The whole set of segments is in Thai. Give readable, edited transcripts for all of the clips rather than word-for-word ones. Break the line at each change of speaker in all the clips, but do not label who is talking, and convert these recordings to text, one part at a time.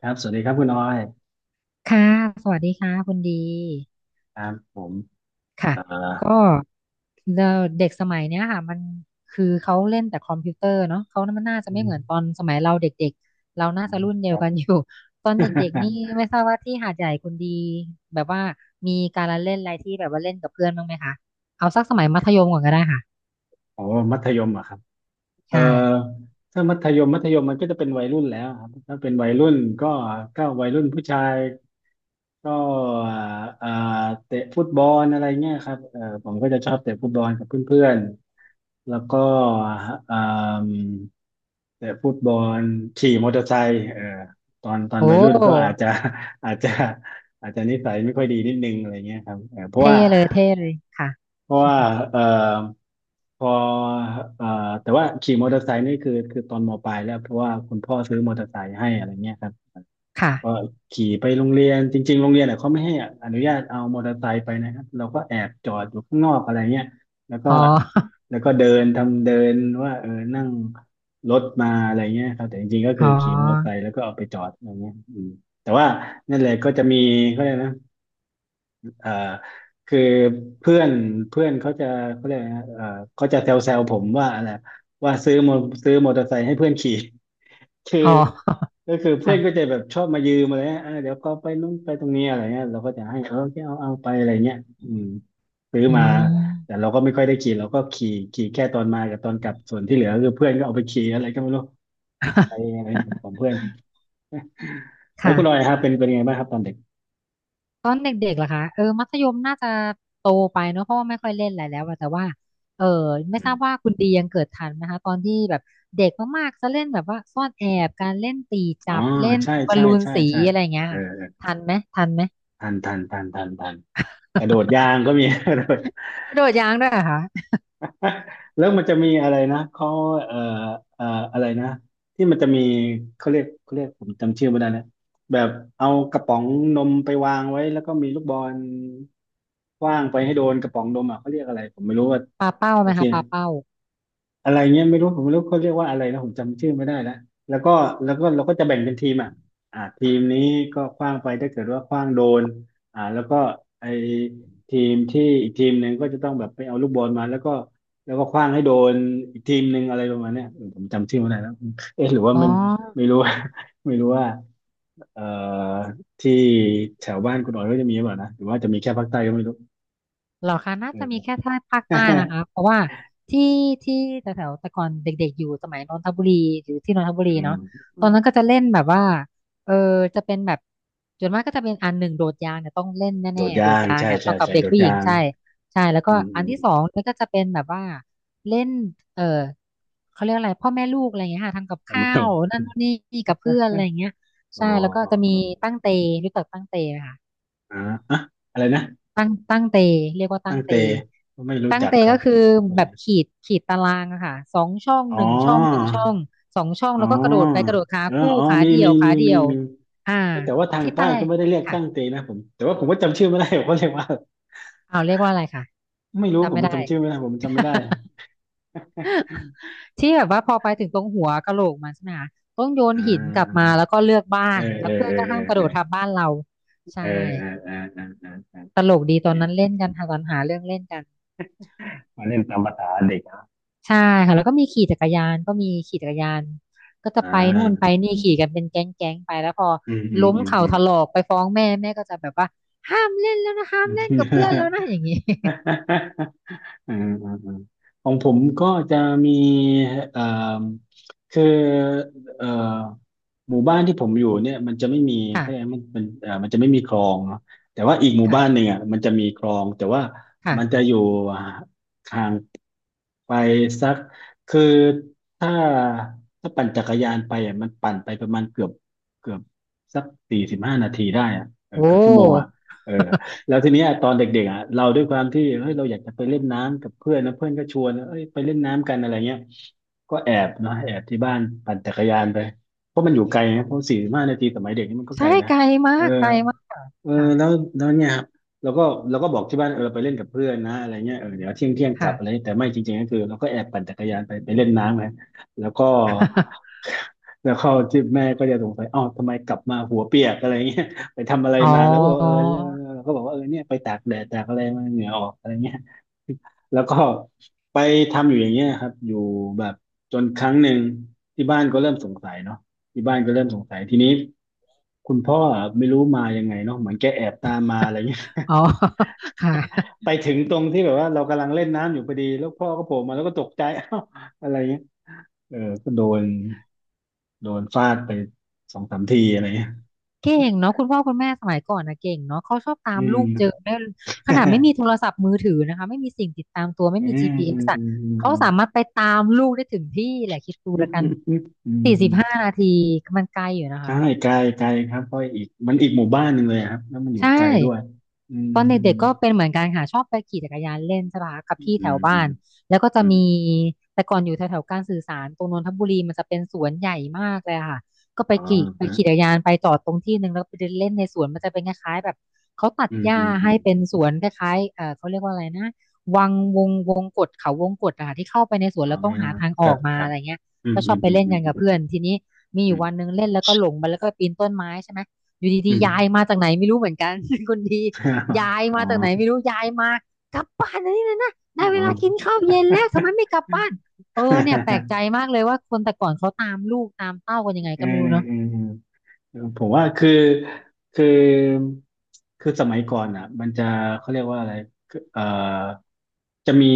ครับ สวัสดีครับคุณออย
ค่ะสวัสดีค่ะคุณดี
ครับผม
ค่ะ
เอ่อ
ก็เดเด็กสมัยเนี้ยค่ะมันคือเขาเล่นแต่คอมพิวเตอร์เนาะเขามันน่าจะ
อื
ไม่เหมือนตอ
ม
นสมัยเราเด็กๆเราน่าจะรุ่นเดี
ค
ยว
รับ
กันอยู่ ตอนเด็ก ๆนี่ไม่ทราบว่าที่หาดใหญ่คุณดีแบบว่ามีการละเล่นอะไรที่แบบว่าเล่นกับเพื่อนบ้างไหมคะเอาสักสมัยมัธยมก่อนก็ได้ค่ะ
โอ้ มัธยมเหรอะครับเอ่อ
ใช่
ถ้ามัธยมมันก็จะเป็นวัยรุ่นแล้วครับถ้าเป็นวัยรุ่นก็ก็วัยรุ่นผู้ชาย ก็อ่าอ่าเตะฟุตบอลอะไรเงี้ยครับเออผมก็จะชอบเตะฟุตบอลกับเพื่อนๆแล้วก็อ่าเตะฟุตบอลขี่มอเตอร์ไซค์เออตอน
โอ้
วัยรุ่นก็อาจจะ อาจจะอาจจะนิสัยไม่ค่อยดีนิดนึงอะไรเงี้ยครับเออ
เท่เลยเท่เลยค่ะ
เพราะว่าเออพอเออแต่ว่าขี่มอเตอร์ไซค์นี่คือตอนมปลายแล้วเพราะว่าคุณพ่อซื้อมอเตอร์ไซค์ให้อะไรเงี้ยครับ
ค่ะ
ก็ขี่ไปโรงเรียนจริงๆโรงเรียนเนี่ยเขาไม่ให้อนุญาตเอามอเตอร์ไซค์ไปนะครับเราก็แอบจอดอยู่ข้างนอกอะไรเงี้ยแล้วก็
อ๋อ
แล้วก็เดินทำเดินว่าเออนั่งรถมาอะไรเงี้ยครับแต่จริงๆก็คื
อ๋อ
อขี่มอเตอร์ไซค์แล้วก็เอาไปจอดอะไรเงี้ยอืมแต่ว่านั่นแหละก็จะมีเขาเรียกนะเอ่อคือเพื่อนเพื่อนเขาจะเขาเรียกนะเขาจะแซวๆผมว่าอะไรว่าซื้อมอเตอร์ไซค์ให้เพื่อนขี่ คือ
อ๋อ
ก็คือเพื่
ค่ะ
อนก็จะแบบชอบมายืมอะไรเงี้ยเออเดี๋ยวก็ไปนู่นไปตรงนี้อะไรเงี้ยเราก็จะให้เออแค่เอาไปอะไรเงี้ยอืมซื้อ
อื
มา
ม
แต่เราก็ไม่ค่อยได้ขี่เราก็ขี่แค่ตอนมากับตอนกลับส่วนที่เหลือคือเพื่อนก็เอาไปขี่อะไรก็ไม่รู้ไปอะไรของ เพื่อนแล้ว
ค่ะ
คุณออยครับเป็นยังไงบ้างครับตอนเด็ก
ตอนเด็กๆเหรอคะเออมัธยมน่าจะโตไปเนอะเพราะว่าไม่ค่อยเล่นอะไรแล้วอะแต่ว่าเออไม่
อื
ทราบว่า
ม
คุณดียังเกิดทันไหมคะตอนที่แบบเด็กมากๆจะเล่นแบบว่าซ่อนแอบการเล่นตี
อ๋อ
จับเล่น
ใช่
บอล
ใช่
ลูน
ใช่
สี
ใช่
อะไรอย่างเงี้ย
เออ
ค่ะ
เออ
ทันไหมทันไหม
ทันทันทันทันทันกระโดด ยางก็มี กระโดด
กระโดดยางด้วยเหรอคะ
แล้วมันจะมีอะไรนะเขาเอ่อเอ่ออะไรนะที่มันจะมีเขาเรียกผมจำชื่อไม่ได้นะแบบเอากระป๋องนมไปวางไว้แล้วก็มีลูกบอลขว้างไปให้โดนกระป๋องนมอ่ะเขาเรียกอะไรผมไม่รู้ว่า
ปาเป้า
โอ
ไหม
เค
คะปาเป้า
อะไรเงี้ยไม่รู้ผมไม่รู้เขาเรียกว่าอะไรนะผมจำชื่อไม่ได้แล้วแล้วก็แล้วก็เราก็จะแบ่งเป็นทีมอ่ะอ่าทีมนี้ก็ขว้างไปถ้าเกิดว่าขว้างโดนอ่าแล้วก็ไอทีมที่อีกทีมหนึ่งก็จะต้องแบบไปเอาลูกบอลมาแล้วก็ขว้างให้โดนอีกทีมหนึ่งอะไรประมาณเนี้ยเออผมจำชื่อไม่ได้แล้วเอ๊ะหรือว่า
อ๋อ
มันไม่รู้ ว่า ไม่รู้ว่าเอ่อที่แถวบ้านคุณอ๋อยก็จะมีหรือเปล่านะหรือว่าจะมีแค่ภาคใต้ก็ไม่รู้
เหรอคะน่าจะมีแค่
เออ
ท่าภาคใต้นะคะเพราะว่าที่ที่แถวๆแต่ก่อนเด็กๆอยู่สมัยนนทบุรีอยู่ที่นนทบุ
อื
รี
ม
เนาะ
อื
ตอน
ม
นั้นก็จะเล่นแบบว่าเออจะเป็นแบบส่วนมากก็จะเป็นอันหนึ่งโดดยางเนี่ยต้องเล่น
โด
แน่
ด
ๆโด
ยา
ด
ง
ยาง
ใช่
เนี่ยต้อ
ใช่
งกับ
ใช่
เด็
โด
ก
ด
ผู้หญิง
ยาง
ใช่ใช่แล้ว
อื
ก็
มอื
อัน
ม
ที่สองมันก็จะเป็นแบบว่าเล่นเออเขาเรียกอะไรพ่อแม่ลูกอะไรอย่างเงี้ยค่ะทำกับ
ผม
ข้า
ไม่รู้
วนั่นนู่นนี่กับเพื่อนอะไรอย่างเงี้ย
อ๋อ
ใช่แล้วก็
อ๋อ
จะมี
อ๋อ
ตั้งเตรู้จักตั้งเตไหมคะ
อ่าอะอะไรนะ
ตั้งเตเรียกว่าตั้
ตั้
ง
ง
เต
เตก็ไม่รู้
ตั้ง
จัก
เต
ครั
ก็
บ
คือ
อะ
แบบ
ไร
ขีดขีดตารางอะค่ะสองช่องห
อ๋
นึ่งช่องหนึ่ง
อ
ช่องสองช่อง
อ๋อ
แล้วก็กระโดดไปกระโดดขา
เออ
คู่
อ๋อ
ขา
มี
เดี่ย
มี
วขา
มี
เดี่
มี
ยว
มี
อ่า
เอ้ยแต่ว่าทาง
ที่
ใต้
ใต้
ก็ไม่ได้เรียก
ค่ะ
ตั้งเตนะผมแต่ว่าผมก็จำชื่อไม่ได้ผมก็เรียกว่า
เอาเรียกว่าอะไรค่ะ
ไม่รู้ผ
จำไม่
ม
ได้
จำชื่อไม่ได้ผมจำไม่ได้
ที่แบบว่าพอไปถึงตรงหัวกะโหลกมันใช่ไหมคะต้องโยน
อ่า
หินกลับมาแล้วก็เลือกบ้า
อ่า
นแล้
เอ
ว
อ
เพื่อ
เออเอ
น
อ
ก็ห้ามกระ
เอ
โด
อ
ดทับบ้านเราใช่
เออเออเออเออเออ
ตลก
โอ
ดีต
เค
อนนั้นเล่นกันหาตอนหาเรื่องเล่นกัน
มาเล่นตามภาษาเด็กนะ
ใช่ค่ะแล้วก็มีขี่จักรยานก็มีขี่จักรยานก็จะ
อ่
ไปนู่น
า
ไปนี่ขี่กันเป็นแก๊งแก๊งไปแล้วพอ
อืมอืม
ล้ม
อืม
เข่า
อื
ถลอกไปฟ้องแม่แม่ก็จะแบบว่าห้ามเล่นแล้วนะห้าม
ม
เล่นกับเพื่อนแล้วนะอย่างนี้
อาอือาของผมก็จะมีเอ่อคือเอ่อหมู่บ้านที่ผมอยู่เนี่ยมันจะไม่มี เขาเรียก
ค่ะ
มันมันจะไม่มีคลองเนาะแต่ว่าอีกหมู่บ้านหนึ่ง
ค่ะ
อ่ะมันจะมีคลองแต่ว่า
ค่ะ
มันจะอยู่ห่างไปสักคือถ้าถ้าปั่นจักรยานไปอ่ะมันปั่นไปประมาณเกือบสักสี่สิบห้านาทีได้อ่ะเออ
โอ้
เกือบชั่วโมงอ่ะเออ แล้วทีเนี้ยตอนเด็กๆอ่ะเราด้วยความที่เฮ้ยเราอยากจะไปเล่นน้ำกับเพื่อนนะเพื่อนก็ชวนเอ้ยไปเล่นน้ำกันอะไรเงี้ยก็แอบเนาะแอบที่บ้านปั่นจักรยานไปเพราะมันอยู่ไกลนะเพราะสี่สิบห้านาทีสมัยเด็กนี่มันก็ไก
ใช่
ลนะ
ไกลมา
เออ
กไกลมากค่ะ
เออ
ค่ะ
แล้วแล้วเนี่ยครับเราก็เราก็บอกที่บ้านเออเราไปเล่นกับเพื่อนนะอะไรเงี้ยเออเดี๋ยวเที่ยงกลั
ค่ะ
บอะไรแต่ไม่จริงๆก็คือเราก็แอบปั่นจักรยานไปไปเล่นน้ำนะแล้วก็ แล้วเข้าที่แม่ก็จะสงสัยอ้าวทำไมกลับมาหัวเปียกอะไรเงี้ย ไปทำอะไร
อ๋
มาแล้วก็บอกว่าเออ
อ
แลราก็บอกว่าเออเนี่ยไปตากแดดตากอะไรมาเหงื่อออกอะไรเงี้ย แล้วก็ ไปทำอยู่อย่างเงี้ยครับอยู่แบบจนครั้งหนึ่งที่บ้านก็เริ่มสงสัยเนาะที่บ้านก็เริ่มสงสัยทีนี้คุณพ่อไม่รู้มายังไงเนาะเหมือนแกแอบตามมาอะไรเงี้ย
อ๋อ ค่ะ
ไปถึงตรงที่แบบว่าเรากำลังเล่นน้ำอยู่พอดีแล้วพ่อก็โผล่มาแล้วก็ตกใจ เอ้าอะไรเงี้ยเออก็โดนโดนฟาดไปสองสามทีอะไรเงี้ย
เก่งเนาะคุณพ่อคุณแม่สมัยก่อนนะเก่งเนาะเขาชอบตา
อื
มลู
ม
กเจอได้ขนาดไม่มีโทร ศัพท์มือถือนะคะไม่มีสิ่งติดตามตัวไม่
อื
มี
มอื
GPS อ
ม
สอะ
อืม
เขา
อื
สามารถไปตามลูกได้ถึงที่แหละคิดดู
มอ
แล้วกัน
ืมอื
สี่สิบ
ม
ห้านาทีมันไกลอยู่นะ
ใช่
คะ
ไกลไกลครับเพราะอีกมันอีกหมู่บ้านหนึ่งเลยครับแล้วมันอยู่
ใช่
ไกลด้วยอืม
ตอน
อื
เด็
ม
กๆก็เป็นเหมือนกันค่ะชอบไปขี่จักรยานเล่นใช่ปะคะกับ
อืม
พี่
อื
แถ
ม
วบ้านแล้วก็จะ
อื
มี
ม
แต่ก่อนอยู่แถวๆการสื่อสารตรงนนทบุรีมันจะเป็นสวนใหญ่มากเลยอะค่ะก็ไป
อ๋อ
ขี่ไป
ฮะ
ขี่จักรยานไปจอดตรงที่หนึ่งแล้วก็ไปเดินเล่นในสวนมันจะเป็นคล้ายๆแบบเขาตัด
อืม
หญ้า
อืมอื
ให้
ม
เป็นสวนคล้ายๆเขาเรียกว่าอะไรนะวังวงวงกตเขาวงกตอะค่ะที่เข้าไปในสว
อ๋
น
อ
แล้วต้องหาทางอ
ครั
อก
บ
มา
ครั
อะ
บ
ไรเงี้ย
อืม
ก็ช
อื
อ
ม
บไป
อืม
เล่นกัน
อื
กับเพื่
ม
อนทีนี้มีอ
อื
ยู่
ม
วันหนึ่งเล่นแล้วก็หลงไปแล้วก็ปีนต้นไม้ใช่ไหมอยู่
อื
ดี
ม
ๆยายมาจากไหนไม่รู้เหมือนกัน คนดี ย้าย
อ๋
มา
อ
จากไหนไม่รู้ยายมากลับบ้านนะนี่นะนะได้
อ๋
เวลากิน
อ
ข้าวเย็นแล้วทำไมไม่กลับบ้านเออเนี่ยแปลกใจ มากเลยว่าคนแต่ก่อนเขาตามลูกตามเต้ากันยังไง
เออ
ก็ไม่รู้เนาะ
เออ ผมว่าคือคือคือสมัยก่อนอ่ะมันจะเขาเรียกว่าอะไรคือจะมี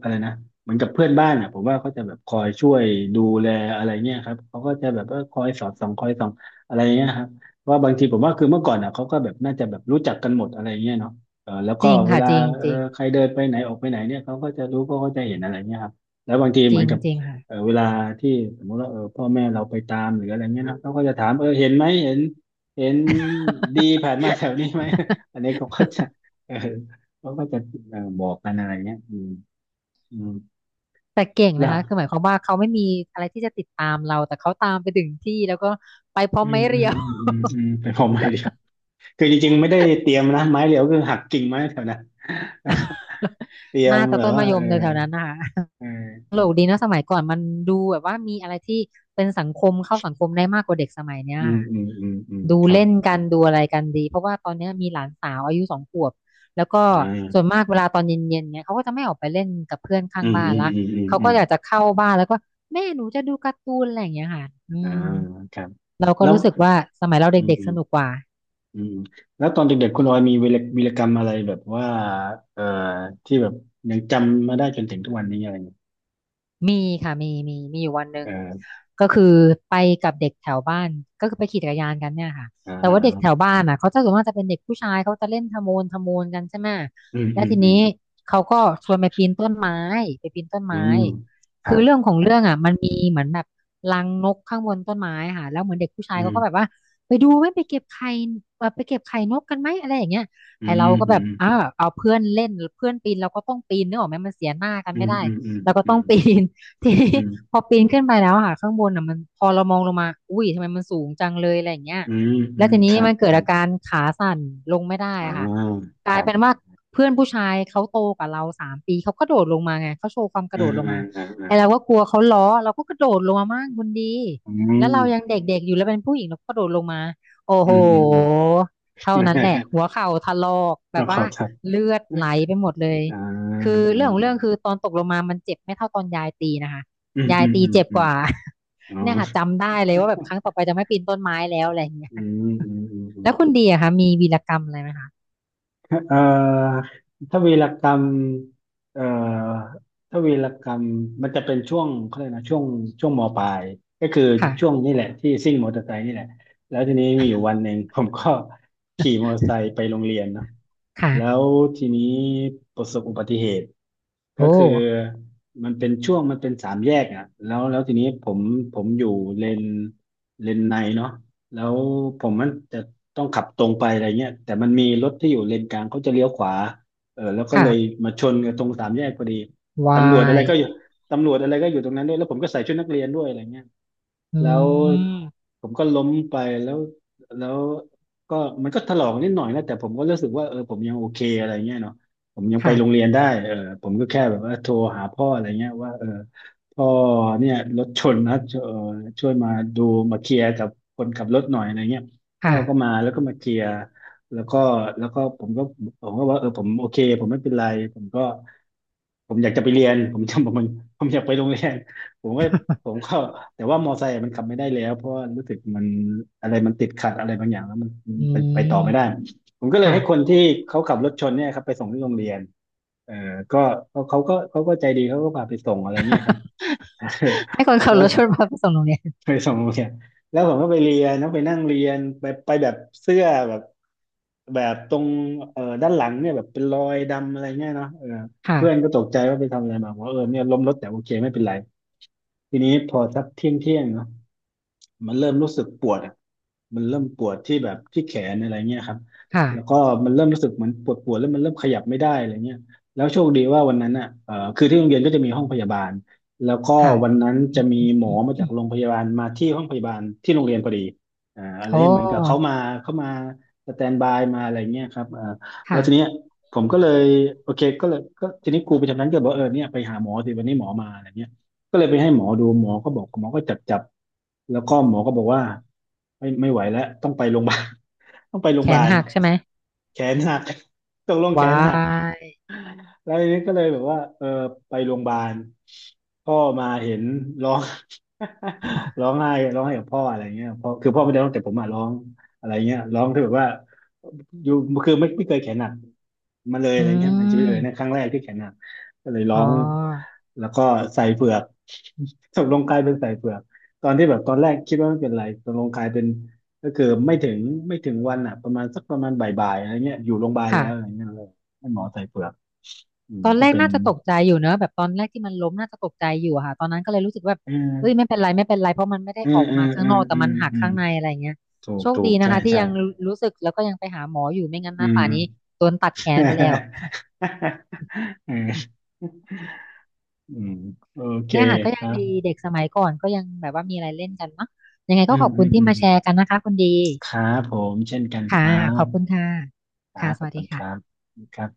อะไรนะเหมือนกับเพื่อนบ้านอ่ะผมว่าเขาจะแบบคอยช่วยดูแลอะไรเงี้ยครับเขาก็จะแบบว่าคอยสอดส่องคอยส่องอะไรเงี้ยครับว่าบางทีผมว่าคือเมื่อก่อนอ่ะเขาก็แบบน่าจะแบบรู้จักกันหมดอะไรเงี้ยเนาะเออแล้ว
จ
ก็
ริง
เว
ค่ะ
ลา
จริง
เอ
จ
อ
ริง
ใครเดินไปไหนออกไปไหนเนี่ยเขาก็จะรู้เขาก็จะเห็นอะไรเงี้ยครับแล้วบางที
จ
เหมือ
ริ
น
ง
กับ
จริงค่ะ
เออเวลาที่สมมติว่าเออพ่อแม่เราไปตามหรืออะไรเงี้ยนะเขาก็จะถามเออเห็นไหมเห็นเห็นดีผ่านมาแถวนี้ไหม อันนี้เขาก็จะเออเขาก็จะเออบอกกันอะไรเงี้ยอืมอืม
แต่เก่งนะ
แล้ว
คะคือหมายความว่าเขาไม่มีอะไรที่จะติดตามเราแต่เขาตามไปถึงที่แล้วก็ไปพร้อ
อื
ม
ม
ไม้
อื
เรี
ม
ยว
อืมอืมอืมเป็นผมไม้เดียวคือจริงๆไม่ได้เตรียมนะไม้เดียวคือหักกิ่งไม้แถวนั้น แล้วก็เตรียม
น่าจะ
แบ
ต้
บ
น
ว่า
มะย
เออ
มในแถวๆนั้นนะคะ
เอ
ตล
อ
กดีเนอะสมัยก่อนมันดูแบบว่ามีอะไรที่เป็นสังคมเข้าสังคมได้มากกว่าเด็กสมัยเนี้ย
อืม
ค่ะ
อืมอืมอืม
ดู
ครับ
เล่น
ค
กั
รั
นดู
บ
อะไรกันดีเพราะว่าตอนเนี้ยมีหลานสาวอายุ2 ขวบแล้วก็
อ่
ส่วน
า
มากเวลาตอนเย็นๆเนี่ยเขาก็จะไม่ออกไปเล่นกับเพื่อน
อื
ข้าง
ม
บ้าน
อืม
ละ
อืมอืม
เขา
อื
ก็
ม
อยากจะเข้าบ้านแล้วก็แม่หนูจะดูการ์ตูนอะไรอย่างเงี้ยค่ะอื
อ่า
ม
ครับ
เราก็
แล้ว
รู้สึกว่าสมัยเรา
อื
เด็กๆสนุก
ม
กว่า
อืมแล้วตอนเด็กๆคุณออยมีวีรกรรมอะไรแบบว่าเอ่อที่แบบยังจำมาได้จนถึงทุกวันนี้อะไรเงี้ย
มีค่ะมีมีอยู่วันหนึ่ง
เออ
ก็คือไปกับเด็กแถวบ้านก็คือไปขี่จักรยานกันเนี่ยค่ะ
อ่
แต่ว่าเด็กแถว
า
บ้านอ่ะเขาจะส่วนมากจะเป็นเด็กผู้ชายเขาจะเล่นทะโมนทะโมนกันใช่ไหม
อืม
แล้
อื
ว
ม
ที
อื
นี้
ม
เขาก็ชวนไปปีนต้นไม้ไปปีนต้น
อื
ไม้
มครั
คือ
บ
เรื่องของ
ครั
เรื่อง
บ
อ่ะมันมีเหมือนแบบรังนกข้างบนต้นไม้ค่ะแล้วเหมือนเด็กผู้ชาย
อื
เขาก็แบบ
ม
ว่าไปดูไหมไปเก็บไข่ไปเก็บไข่นกกันไหมอะไรอย่างเงี้ย
อื
ไอเรา
ม
ก็
อื
แบบ
ม
อ้าวเอาเพื่อนเล่นเพื่อนปีนเราก็ต้องปีนนึกออกไหมมันเสียหน้ากัน
อื
ไม่
ม
ได้
อืมอืม
เราก็
อื
ต้อง
ม
ปีน ทีนี้
อืม
พอปีนขึ้นไปแล้วอะค่ะข้างบนอ่ะมันพอเรามองลงมาอุ้ยทำไมมันสูงจังเลยอะไรอย่างเงี้ย
อืมอื
แล้ว
ม
ที
ค
นี้
รับ
มันเกิ
ค
ด
รับ
อาการขาสั่นลงไม่ได้
อ่า
อะค่ะก
ค
ลา
รั
ยเป็น
บ
ว่าเพื่อนผู้ชายเขาโตกว่าเรา3 ปีเขากระโดดลงมาไงเขาโชว์ความกระ
อ่า
โดดลง
อ่า
มา
อ่าอ่า
ไอเราก็กลัวเขาล้อเราก็กระโดดลงมามากคุณดี
อื
แล้ว
ม
เรายังเด็กๆอยู่แล้วเป็นผู้หญิงเราก็กระโดดลงมาโอ้
อื
โห
มอืมอืม
เท่านั้นแหละ หัวเข่าถลอกแบ
มา
บ
ขอ
ว่า
ทัก
เลือด
อ่า
ไหลไปหมดเลย
อ่
คือ
า
เรื่องของเรื่องคือตอนตกลงมามันเจ็บไม่เท่าตอนยายตีนะคะ
อืม
ยา
อื
ย
ม
ตี
อืม
เจ็บ
อื
ก
ม
ว่า
อ๋อ
เนี่ยค่ะจำได้เลยว่าแบบครั้งต่อไปจะไม่ปีนต้นไม้แล้วอะไรอย่างเงี้ย
อืมอืมอืม
แล้ว
อื
คุณ
ม
ได้ไหมคะ
เอ่อถ้าวีรกรรมเอ่อถ้าวีรกรรมมันจะเป็นช่วงเขาเรียกนะช่วงช่วงมปลายก็คือช่วง
ค่ะ
นี่แหละที่ซิ่งมอเตอร์ไซค์นี่แหละแล้วทีนี้มีอยู่วันหนึ่ง ผมก็ ขี่มอเตอร์ไซค์ไปโรงเรียนเนาะ
ค่ะ
แล้วทีนี้ประสบอุบัติเหตุก็
โอ้
คือมันเป็นช่วงมันเป็นสามแยกอ่ะแล้วทีนี้ผมอยู่เลนเลนในเนาะแล้วผมมันจะ ต้องขับตรงไปอะไรเงี้ยแต่มันมีรถที่อยู่เลนกลางเขาจะเลี้ยวขวาเออแล้วก็
ค่ะ
เลยมาชนกันตรงสามแยกพอดีตำรวจอะไรก็
why
อยู่ตำรวจอะไรก็อยู่ตรงนั้นด้วยแล้วผมก็ใส่ชุดนักเรียนด้วยอะไรเงี้ย
อื
แล้ว
ม
ผมก็ล้มไปแล้วแล้วก็มันก็ถลอกนิดหน่อยนะแต่ผมก็รู้สึกว่าเออผมยังโอเคอะไรเงี้ยเนาะผมยังไป
ค่ะ
โรงเรียนได้เออผมก็แค่แบบว่าโทรหาพ่ออะไรเงี้ยว่าเออพ่อเนี่ยรถชนนะเออช่วยมาดูมาเคลียร์กับคนขับรถหน่อยอะไรเงี้ยพ่อ
ค่ะ
ก็มาแล้วก็มาเคลียร์แล้วก็แล้วก็ผมก็ว่าเออผมโอเคผมไม่เป็นไรผมก็ ผมอยากจะไปเรียน ผมจำผมผมอยากไปโรงเรียน ผมก็ผมก็แต่ว่ามอไซค์มันขับไม่ได้แล้วเพราะว่ารู้สึกมันอะไรมันติดขัดอะไรบางอย่างแล้วมันมัน
อื
ไปไปต่
ม
อไม่ได้ผมก็เลย
ค่ะ
ให้คนที่เขาขับรถชนเนี่ยครับไปส่งที่โรงเรียนเออก็ก็เขาก็ใจดีเขาก็พาไปส่งอะไรเงี้ยครับ
ให้คน ขับ
แล้
ร
ว
ถชนพาไปส่งโรงเรียน
ไปส่งโรงเรียนแล้วผมก็ไปเรียนนะไปนั่งเรียนไปไปแบบเสื้อแบบแบบตรงด้านหลังเนี่ยแบบเป็นรอยดำอะไรเงี้ยเนาะเออ
ค่ะ
เพื่อนก็ตกใจว่าไปทำอะไรมาบอกว่าเออเนี่ยล้มรถแต่โอเคไม่เป็นไรทีนี้พอสักเที่ยงเที่ยงเนาะ มันเริ่มรู้สึกปวดอะมันเริ่มปวดที่แบบที่แขนอะไรเงี้ยครับ
ค่ะ
แล้วก็มันเริ่มรู้สึกเหมือนปวดปวดแล้วมันเริ่มขยับไม่ได้อะไรเงี้ยแล้วโชคดีว่าวันนั้นอ่ะคือที่โรงเรียนก็จะมีห้องพยาบาลแล้วก็
ค่ะ
วันนั้นจะมีหมอมา
อื
จาก
ม
โรงพยาบาลมาที่ห้องพยาบาลที่โรงเรียนพอดีอ่าอะไร
โอ
เงี้ยเหมือนกับเขา
้
มาเขามาสแตนบายมาอะไรเงี้ยครับอ่าแล้ว
ค่ะ
ทีเนี้ยผมก็เลยโอเคก็เลยก็ทีนี้ครูประจำชั้นก็บอกเออเนี่ยไปหาหมอสิวันนี้หมอมาอะไรเงี้ย ก็เลยไปให้หมอดู หมอก็บอก หมอก็จับจับ แล้วก็หมอก็บอกว่าไม่ไหวแล้วต้องไปโรงพยาบาล ต้องไปโรง
แข
พยาบา
น
ล
หักใช่ไหม
แขนหักตกลงแขนหัก
why
แล้วทีนี้ก็เลยแบบว่าเออไปโรงพยาบาลพ่อมาเห็นร้อง ร้องไห้ร้องไห้กับพ่ออะไรเงี้ยพ่อคือพ่อไม่ได้ร้องแต่ผมอะร้องอะไรเงี้ยร้องที่แบบว่าอยู่คือไม่เคยแขนหนักมาเลย อะ
อื
ไรเงี้ยในชีวิต
ม
เออในนครั้งแรกที่แขนหนักก็เลยร้อ
อ๋อ
งแล้วก็ใส่เฝือก ตกลงกลายเป็นใส่เฝือกตอนที่แบบตอนแรกคิดว่าไม่เป็นไรตกลงกลายเป็นก็คือไม่ถึงวันอ่ะประมาณสักประมาณบ่ายๆอะไรเงี้ยอยู่โรงพยาบาลแล้วอะไร
ค่ะ
เงี้ยเลยให้หมอใส่เฝือก อืม
ตอนแร
ก็
ก
เป็น
น่าจะตกใจอยู่เนอะแบบตอนแรกที่มันล้มน่าจะตกใจอยู่อะค่ะตอนนั้นก็เลยรู้สึกว่าแบบ
อืม
เอ้ยไม่เป็นไรไม่เป็นไรเพราะมันไม่ได้
อื
อ
ม
อก
อื
มา
ม
ข้า
อื
งน
ม
อกแต่
อื
มั
ม
นหัก
อืม
ข้างในอะไรเงี้ย
ถูก
โชค
ถูก
ดีนะ
ใช่
คะที่
ใช่
ยังรู้สึกแล้วก็ยังไปหาหมออยู่ไม่งั้นห
อื
น้าป่า
ม
นนี้โดนตัดแขนไปแล้ว
อืมอืมโอเค
เนี่ยค่ะก็
ค
ยัง
รับ
ดีเด็กสมัยก่อนก็ยังแบบว่ามีอะไรเล่นกันเนาะยังไง
อื
ก็ข
ม
อบ
อื
คุณ
ม
ที่
อืม
มาแชร์กันนะคะคุณดี
ครับผมเช่นกันค
ค่ะ
รั
ข
บ
อบคุณค่ะ
ครั
ค่ะ
บ
ส
ขอบ
วัส
คุ
ดี
ณครับ
ค่ะ
ครับ